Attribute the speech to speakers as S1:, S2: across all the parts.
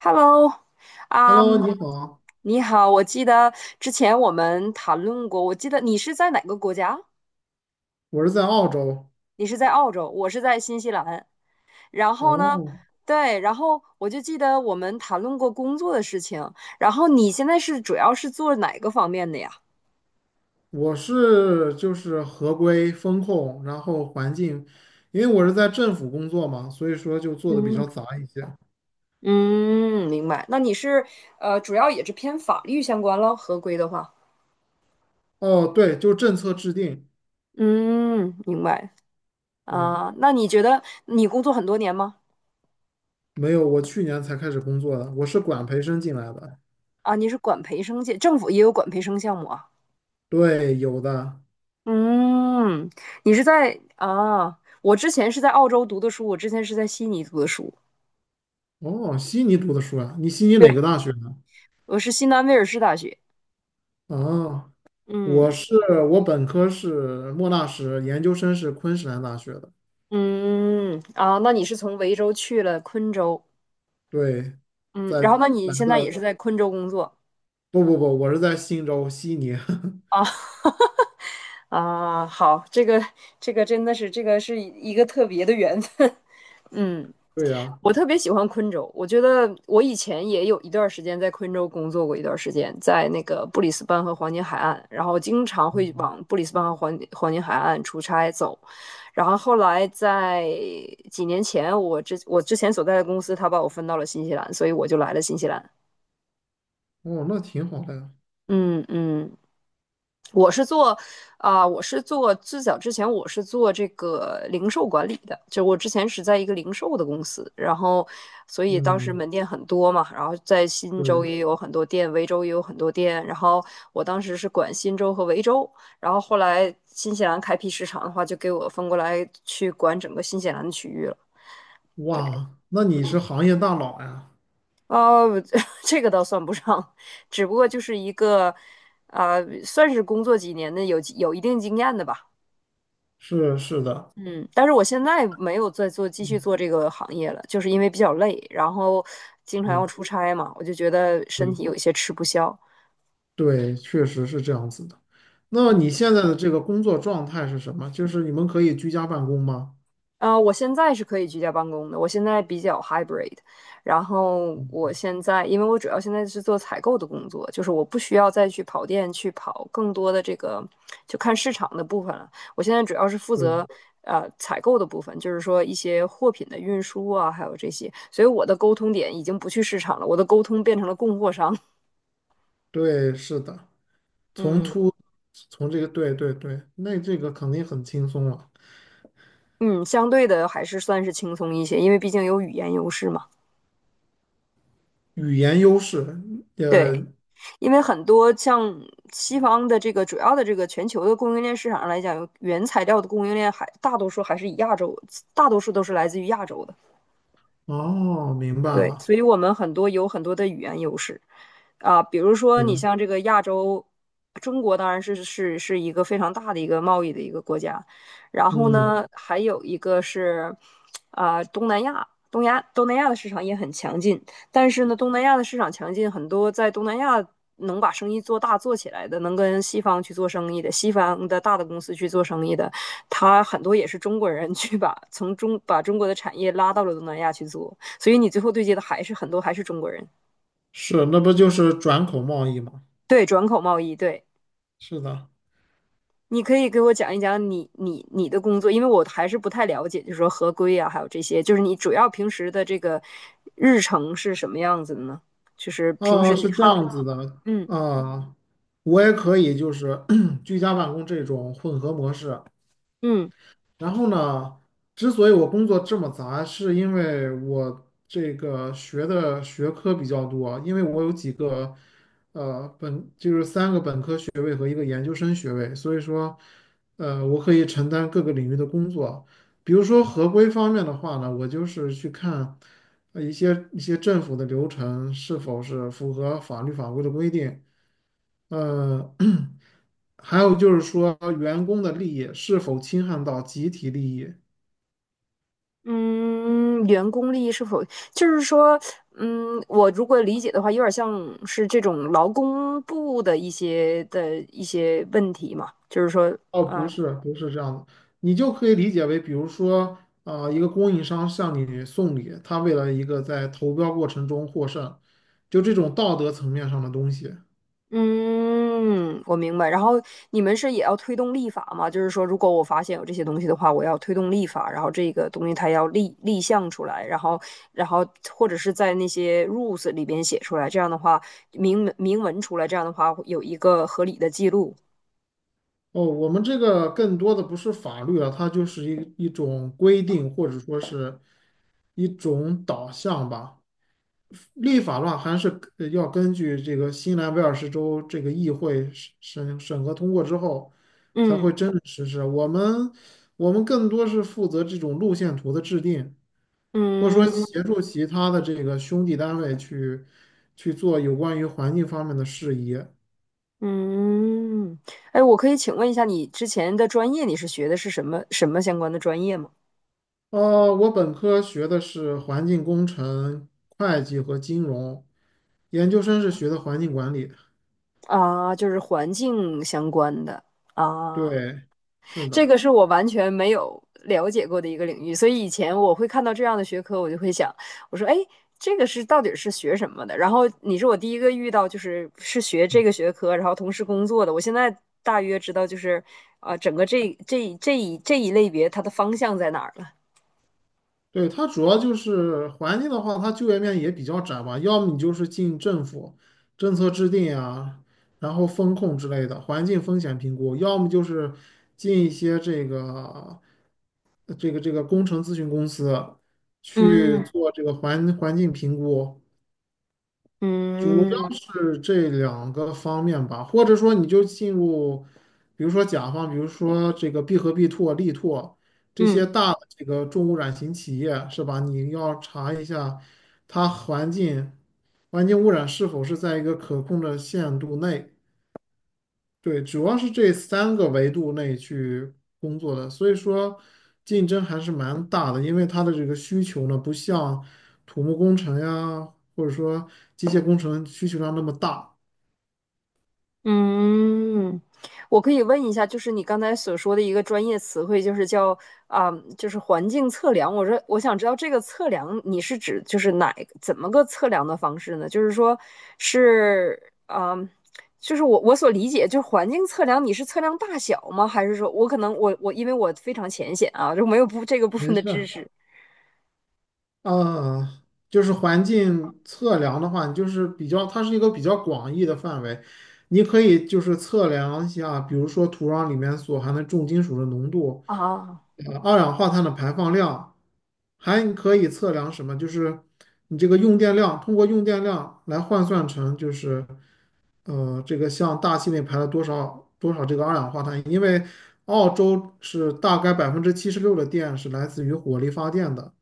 S1: Hello，啊
S2: Hello，你好，
S1: 你好，我记得之前我们谈论过，我记得你是在哪个国家？
S2: 我是在澳洲。
S1: 你是在澳洲，我是在新西兰。然后呢，
S2: 哦，
S1: 对，然后我就记得我们谈论过工作的事情。然后你现在是主要是做哪个方面的呀？
S2: 我是就是合规风控，然后环境，因为我是在政府工作嘛，所以说就做的比
S1: 嗯，
S2: 较杂一些。
S1: 嗯，明白。那你是主要也是偏法律相关咯，合规的话。
S2: 哦，对，就政策制定。
S1: 嗯，明白。
S2: 对，
S1: 啊、那你觉得你工作很多年吗？
S2: 没有，我去年才开始工作的，我是管培生进来的。
S1: 啊，你是管培生界，政府也有管培生项目啊。
S2: 对，有的。
S1: 嗯，你是在啊？我之前是在澳洲读的书，我之前是在悉尼读的书，
S2: 哦，悉尼读的书啊，你悉尼
S1: 对，
S2: 哪个大学的？
S1: 我是新南威尔士大学。
S2: 哦，我
S1: 嗯
S2: 是本科是莫纳什，研究生是昆士兰大学的。
S1: 嗯啊，那你是从维州去了昆州，
S2: 对，
S1: 嗯，
S2: 在
S1: 然后那你
S2: 来
S1: 现在也是
S2: 的。
S1: 在昆州工作
S2: 不不不，我是在新州悉尼。
S1: 啊？啊，好，这个真的是这个是一个特别的缘分。嗯，
S2: 对呀，
S1: 我特别喜欢昆州，我觉得我以前也有一段时间在昆州工作过一段时间，在那个布里斯班和黄金海岸，然后经常会往布里斯班和黄金海岸出差走。然后后来在几年前，我之前所在的公司，他把我分到了新西兰，所以我就来了新西兰。
S2: 哦，那挺好的呀。
S1: 嗯嗯，我是做啊、呃我是做最早之前我是做这个零售管理的，就我之前是在一个零售的公司，然后所以当时
S2: 嗯，
S1: 门店很多嘛，然后在新州
S2: 对，
S1: 也有很多店，维州也有很多店，然后我当时是管新州和维州，然后后来新西兰开辟市场的话，就给我分过来去管整个新西兰的区域了。
S2: 哇，那你是行业大佬呀？
S1: 哦，这个倒算不上，只不过就是一个，算是工作几年的有一定经验的吧。
S2: 是是的，
S1: 嗯，但是我现在没有再做继续
S2: 嗯，
S1: 做这个行业了，就是因为比较累，然后经常要
S2: 是，
S1: 出差嘛，我就觉得身
S2: 对
S1: 体有一些吃不消。
S2: 对，确实是这样子的。那你现在的这个工作状态是什么？就是你们可以居家办公吗？
S1: 我现在是可以居家办公的，我现在比较 hybrid，然后我现在因为我主要现在是做采购的工作，就是我不需要再去跑店去跑更多的这个就看市场的部分了，我现在主要是负
S2: 对
S1: 责采购的部分，就是说一些货品的运输啊，还有这些，所以我的沟通点已经不去市场了，我的沟通变成了供货商，
S2: 对，是的，
S1: 嗯
S2: 从这个对对对，那这个肯定很轻松了。
S1: 嗯，相对的还是算是轻松一些，因为毕竟有语言优势嘛，
S2: 语言优势，呃，
S1: 对。因为很多像西方的这个主要的这个全球的供应链市场上来讲，原材料的供应链还大多数还是以亚洲，大多数都是来自于亚洲的。
S2: 哦，明白
S1: 对，
S2: 了，
S1: 所以我们有很多的语言优势啊，比如说你
S2: 是，
S1: 像这个亚洲，中国当然是一个非常大的一个贸易的一个国家，然后
S2: 嗯，
S1: 呢，还有一个是啊东南亚，东南亚的市场也很强劲，但是呢，东南亚的市场强劲，很多在东南亚能把生意做大做起来的，能跟西方去做生意的，西方的大的公司去做生意的，他很多也是中国人去把中国的产业拉到了东南亚去做。所以你最后对接的还是很多还是中国人。
S2: 是，那不就是转口贸易吗？
S1: 对，转口贸易，对，
S2: 是的，
S1: 你可以给我讲一讲你的工作，因为我还是不太了解，就是说合规啊，还有这些，就是你主要平时的这个日程是什么样子的呢？就是平时
S2: 啊，
S1: 你
S2: 是这
S1: 好，
S2: 样子的，
S1: 嗯
S2: 啊，我也可以就是 居家办公这种混合模式，
S1: 嗯
S2: 然后呢，之所以我工作这么杂，是因为我这个学的学科比较多，因为我有几个，本就是三个本科学位和一个研究生学位，所以说，我可以承担各个领域的工作。比如说合规方面的话呢，我就是去看一些政府的流程是否是符合法律法规的规定。呃，还有就是说，员工的利益是否侵害到集体利益？
S1: 嗯，员工利益是否就是说，嗯，我如果理解的话，有点像是这种劳工部的一些问题嘛，就是说
S2: 哦，不是，不是这样的，你就可以理解为，比如说，啊、一个供应商向你送礼，他为了一个在投标过程中获胜，就这种道德层面上的东西。
S1: 嗯，我明白。然后你们是也要推动立法吗？就是说，如果我发现有这些东西的话，我要推动立法，然后这个东西它要立项出来，然后，或者是在那些 rules 里边写出来，这样的话明文出来，这样的话会有一个合理的记录。
S2: 哦，我们这个更多的不是法律了，它就是一种规定，或者说是一种导向吧。立法的话还是要根据这个新南威尔士州这个议会审核通过之后，才
S1: 嗯
S2: 会真的实施。我们更多是负责这种路线图的制定，或者说协
S1: 嗯
S2: 助其他的这个兄弟单位去做有关于环境方面的事宜。
S1: 嗯。哎，我可以请问一下，你之前的专业你是学的是什么什么相关的专业吗？
S2: 我本科学的是环境工程、会计和金融，研究生是学的环境管理的。
S1: 啊，就是环境相关的啊。
S2: 对，是
S1: 这个
S2: 的。
S1: 是我完全没有了解过的一个领域，所以以前我会看到这样的学科，我就会想，我说，哎，这个是到底是学什么的？然后你是我第一个遇到，就是是学这个学科，然后同时工作的。我现在大约知道，就是整个这一类别它的方向在哪儿了。
S2: 对，它主要就是环境的话，它就业面也比较窄吧，要么你就是进政府政策制定啊，然后风控之类的环境风险评估，要么就是进一些这个这个工程咨询公司去
S1: 嗯
S2: 做这个环境评估，主要
S1: 嗯
S2: 是这两个方面吧，或者说你就进入，比如说甲方，比如说这个必和必拓、力拓这
S1: 嗯。
S2: 些大的这个重污染型企业，是吧？你要查一下它环境环境污染是否是在一个可控的限度内，对，主要是这三个维度内去工作的，所以说竞争还是蛮大的，因为它的这个需求呢，不像土木工程呀，或者说机械工程需求量那么大。
S1: 嗯，我可以问一下，就是你刚才所说的一个专业词汇，就是叫啊、就是环境测量。我说，我想知道这个测量你是指就是哪一个怎么个测量的方式呢？就是说是啊、就是我所理解，就是环境测量，你是测量大小吗？还是说我可能我因为我非常浅显啊，就没有不这个部分
S2: 没
S1: 的
S2: 事
S1: 知
S2: 儿。
S1: 识
S2: 呃，就是环境测量的话，你就是比较，它是一个比较广义的范围，你可以就是测量一下，比如说土壤里面所含的重金属的浓度，
S1: 啊
S2: 二氧化碳的排放量，还可以测量什么？就是你这个用电量，通过用电量来换算成就是这个像大气内排了多少多少这个二氧化碳，因为澳洲是大概76%的电是来自于火力发电的。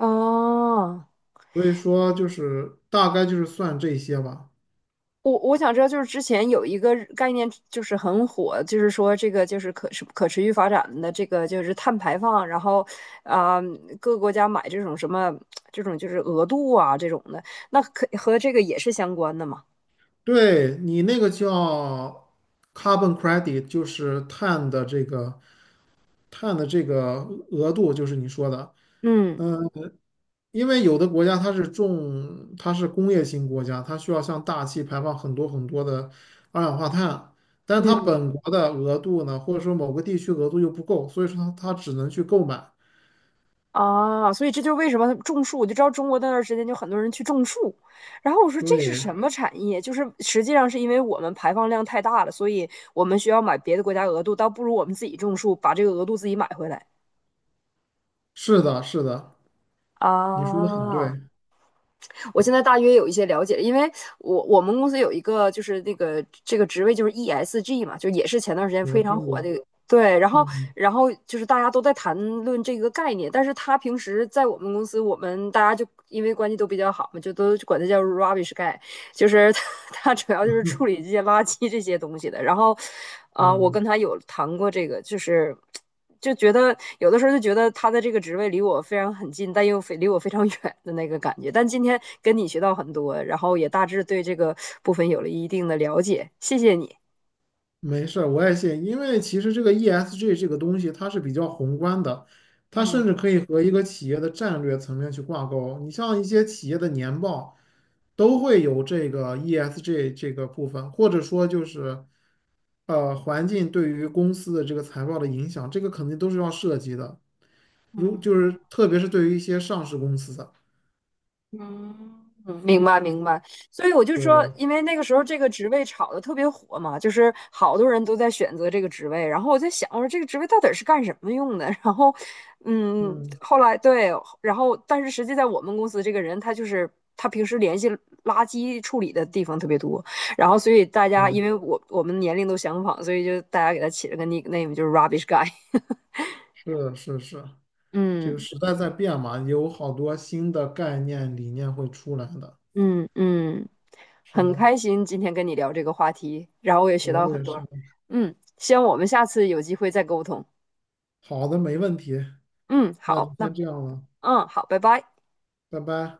S1: 哦。
S2: 所以说就是大概就是算这些吧。
S1: 我想知道，就是之前有一个概念，就是很火，就是说这个就是可持续发展的这个就是碳排放，然后啊、各个国家买这种什么这种就是额度啊这种的，那可和这个也是相关的嘛？
S2: 对，你那个叫 carbon credit，就是碳的这个碳的这个额度，就是你说的。
S1: 嗯
S2: 因为有的国家它是重，它是工业型国家，它需要向大气排放很多很多的二氧化碳，但是它本国的额度呢，或者说某个地区额度又不够，所以说它只能去购买。
S1: 啊，所以这就是为什么种树，我就知道中国那段时间就很多人去种树，然后我说这是什
S2: 对，
S1: 么产业？就是实际上是因为我们排放量太大了，所以我们需要买别的国家额度，倒不如我们自己种树，把这个额度自己买回来。
S2: 是的，是的，你说的很
S1: 啊，
S2: 对，
S1: 我现在大约有一些了解，因为我们公司有一个就是那个这个职位就是 ESG 嘛，就也是前段时间
S2: 我
S1: 非常
S2: 听
S1: 火的
S2: 过。
S1: 对，然后，
S2: 嗯
S1: 然后就是大家都在谈论这个概念，但是他平时在我们公司，我们大家就因为关系都比较好嘛，就都管他叫 rubbish guy，就是他 主要就是处理这些垃圾这些东西的。然后，我
S2: 嗯。
S1: 跟他有谈过这个，就是就觉得有的时候就觉得他的这个职位离我非常很近，但又非离我非常 远的那个感觉。但今天跟你学到很多，然后也大致对这个部分有了一定的了解，谢谢你。
S2: 没事儿，我也信，因为其实这个 ESG 这个东西它是比较宏观的，它甚至
S1: 嗯
S2: 可以和一个企业的战略层面去挂钩。你像一些企业的年报都会有这个 ESG 这个部分，或者说就是环境对于公司的这个财报的影响，这个肯定都是要涉及的。如就
S1: 嗯。
S2: 是特别是对于一些上市公司的，
S1: 嗯，明白明白，所以我就说，
S2: 对，
S1: 因为那个时候这个职位炒的特别火嘛，就是好多人都在选择这个职位。然后我在想，我说这个职位到底是干什么用的？然后，嗯，
S2: 嗯，
S1: 后来对，然后但是实际在我们公司，这个人他就是他平时联系垃圾处理的地方特别多，然后所以大家
S2: 对，
S1: 因为我们年龄都相仿，所以就大家给他起了个 nickname，就是 rubbish guy。
S2: 是的是是，这个
S1: 嗯
S2: 时代在变嘛，有好多新的概念理念会出来的。
S1: 嗯嗯。
S2: 是
S1: 很
S2: 的，
S1: 开心今天跟你聊这个话题，然后我也学
S2: 我
S1: 到很
S2: 也是。
S1: 多。嗯，希望我们下次有机会再沟通。
S2: 好的，没问题，
S1: 嗯，
S2: 那就
S1: 好，那
S2: 先这样了，
S1: 嗯，好，拜拜。
S2: 拜拜。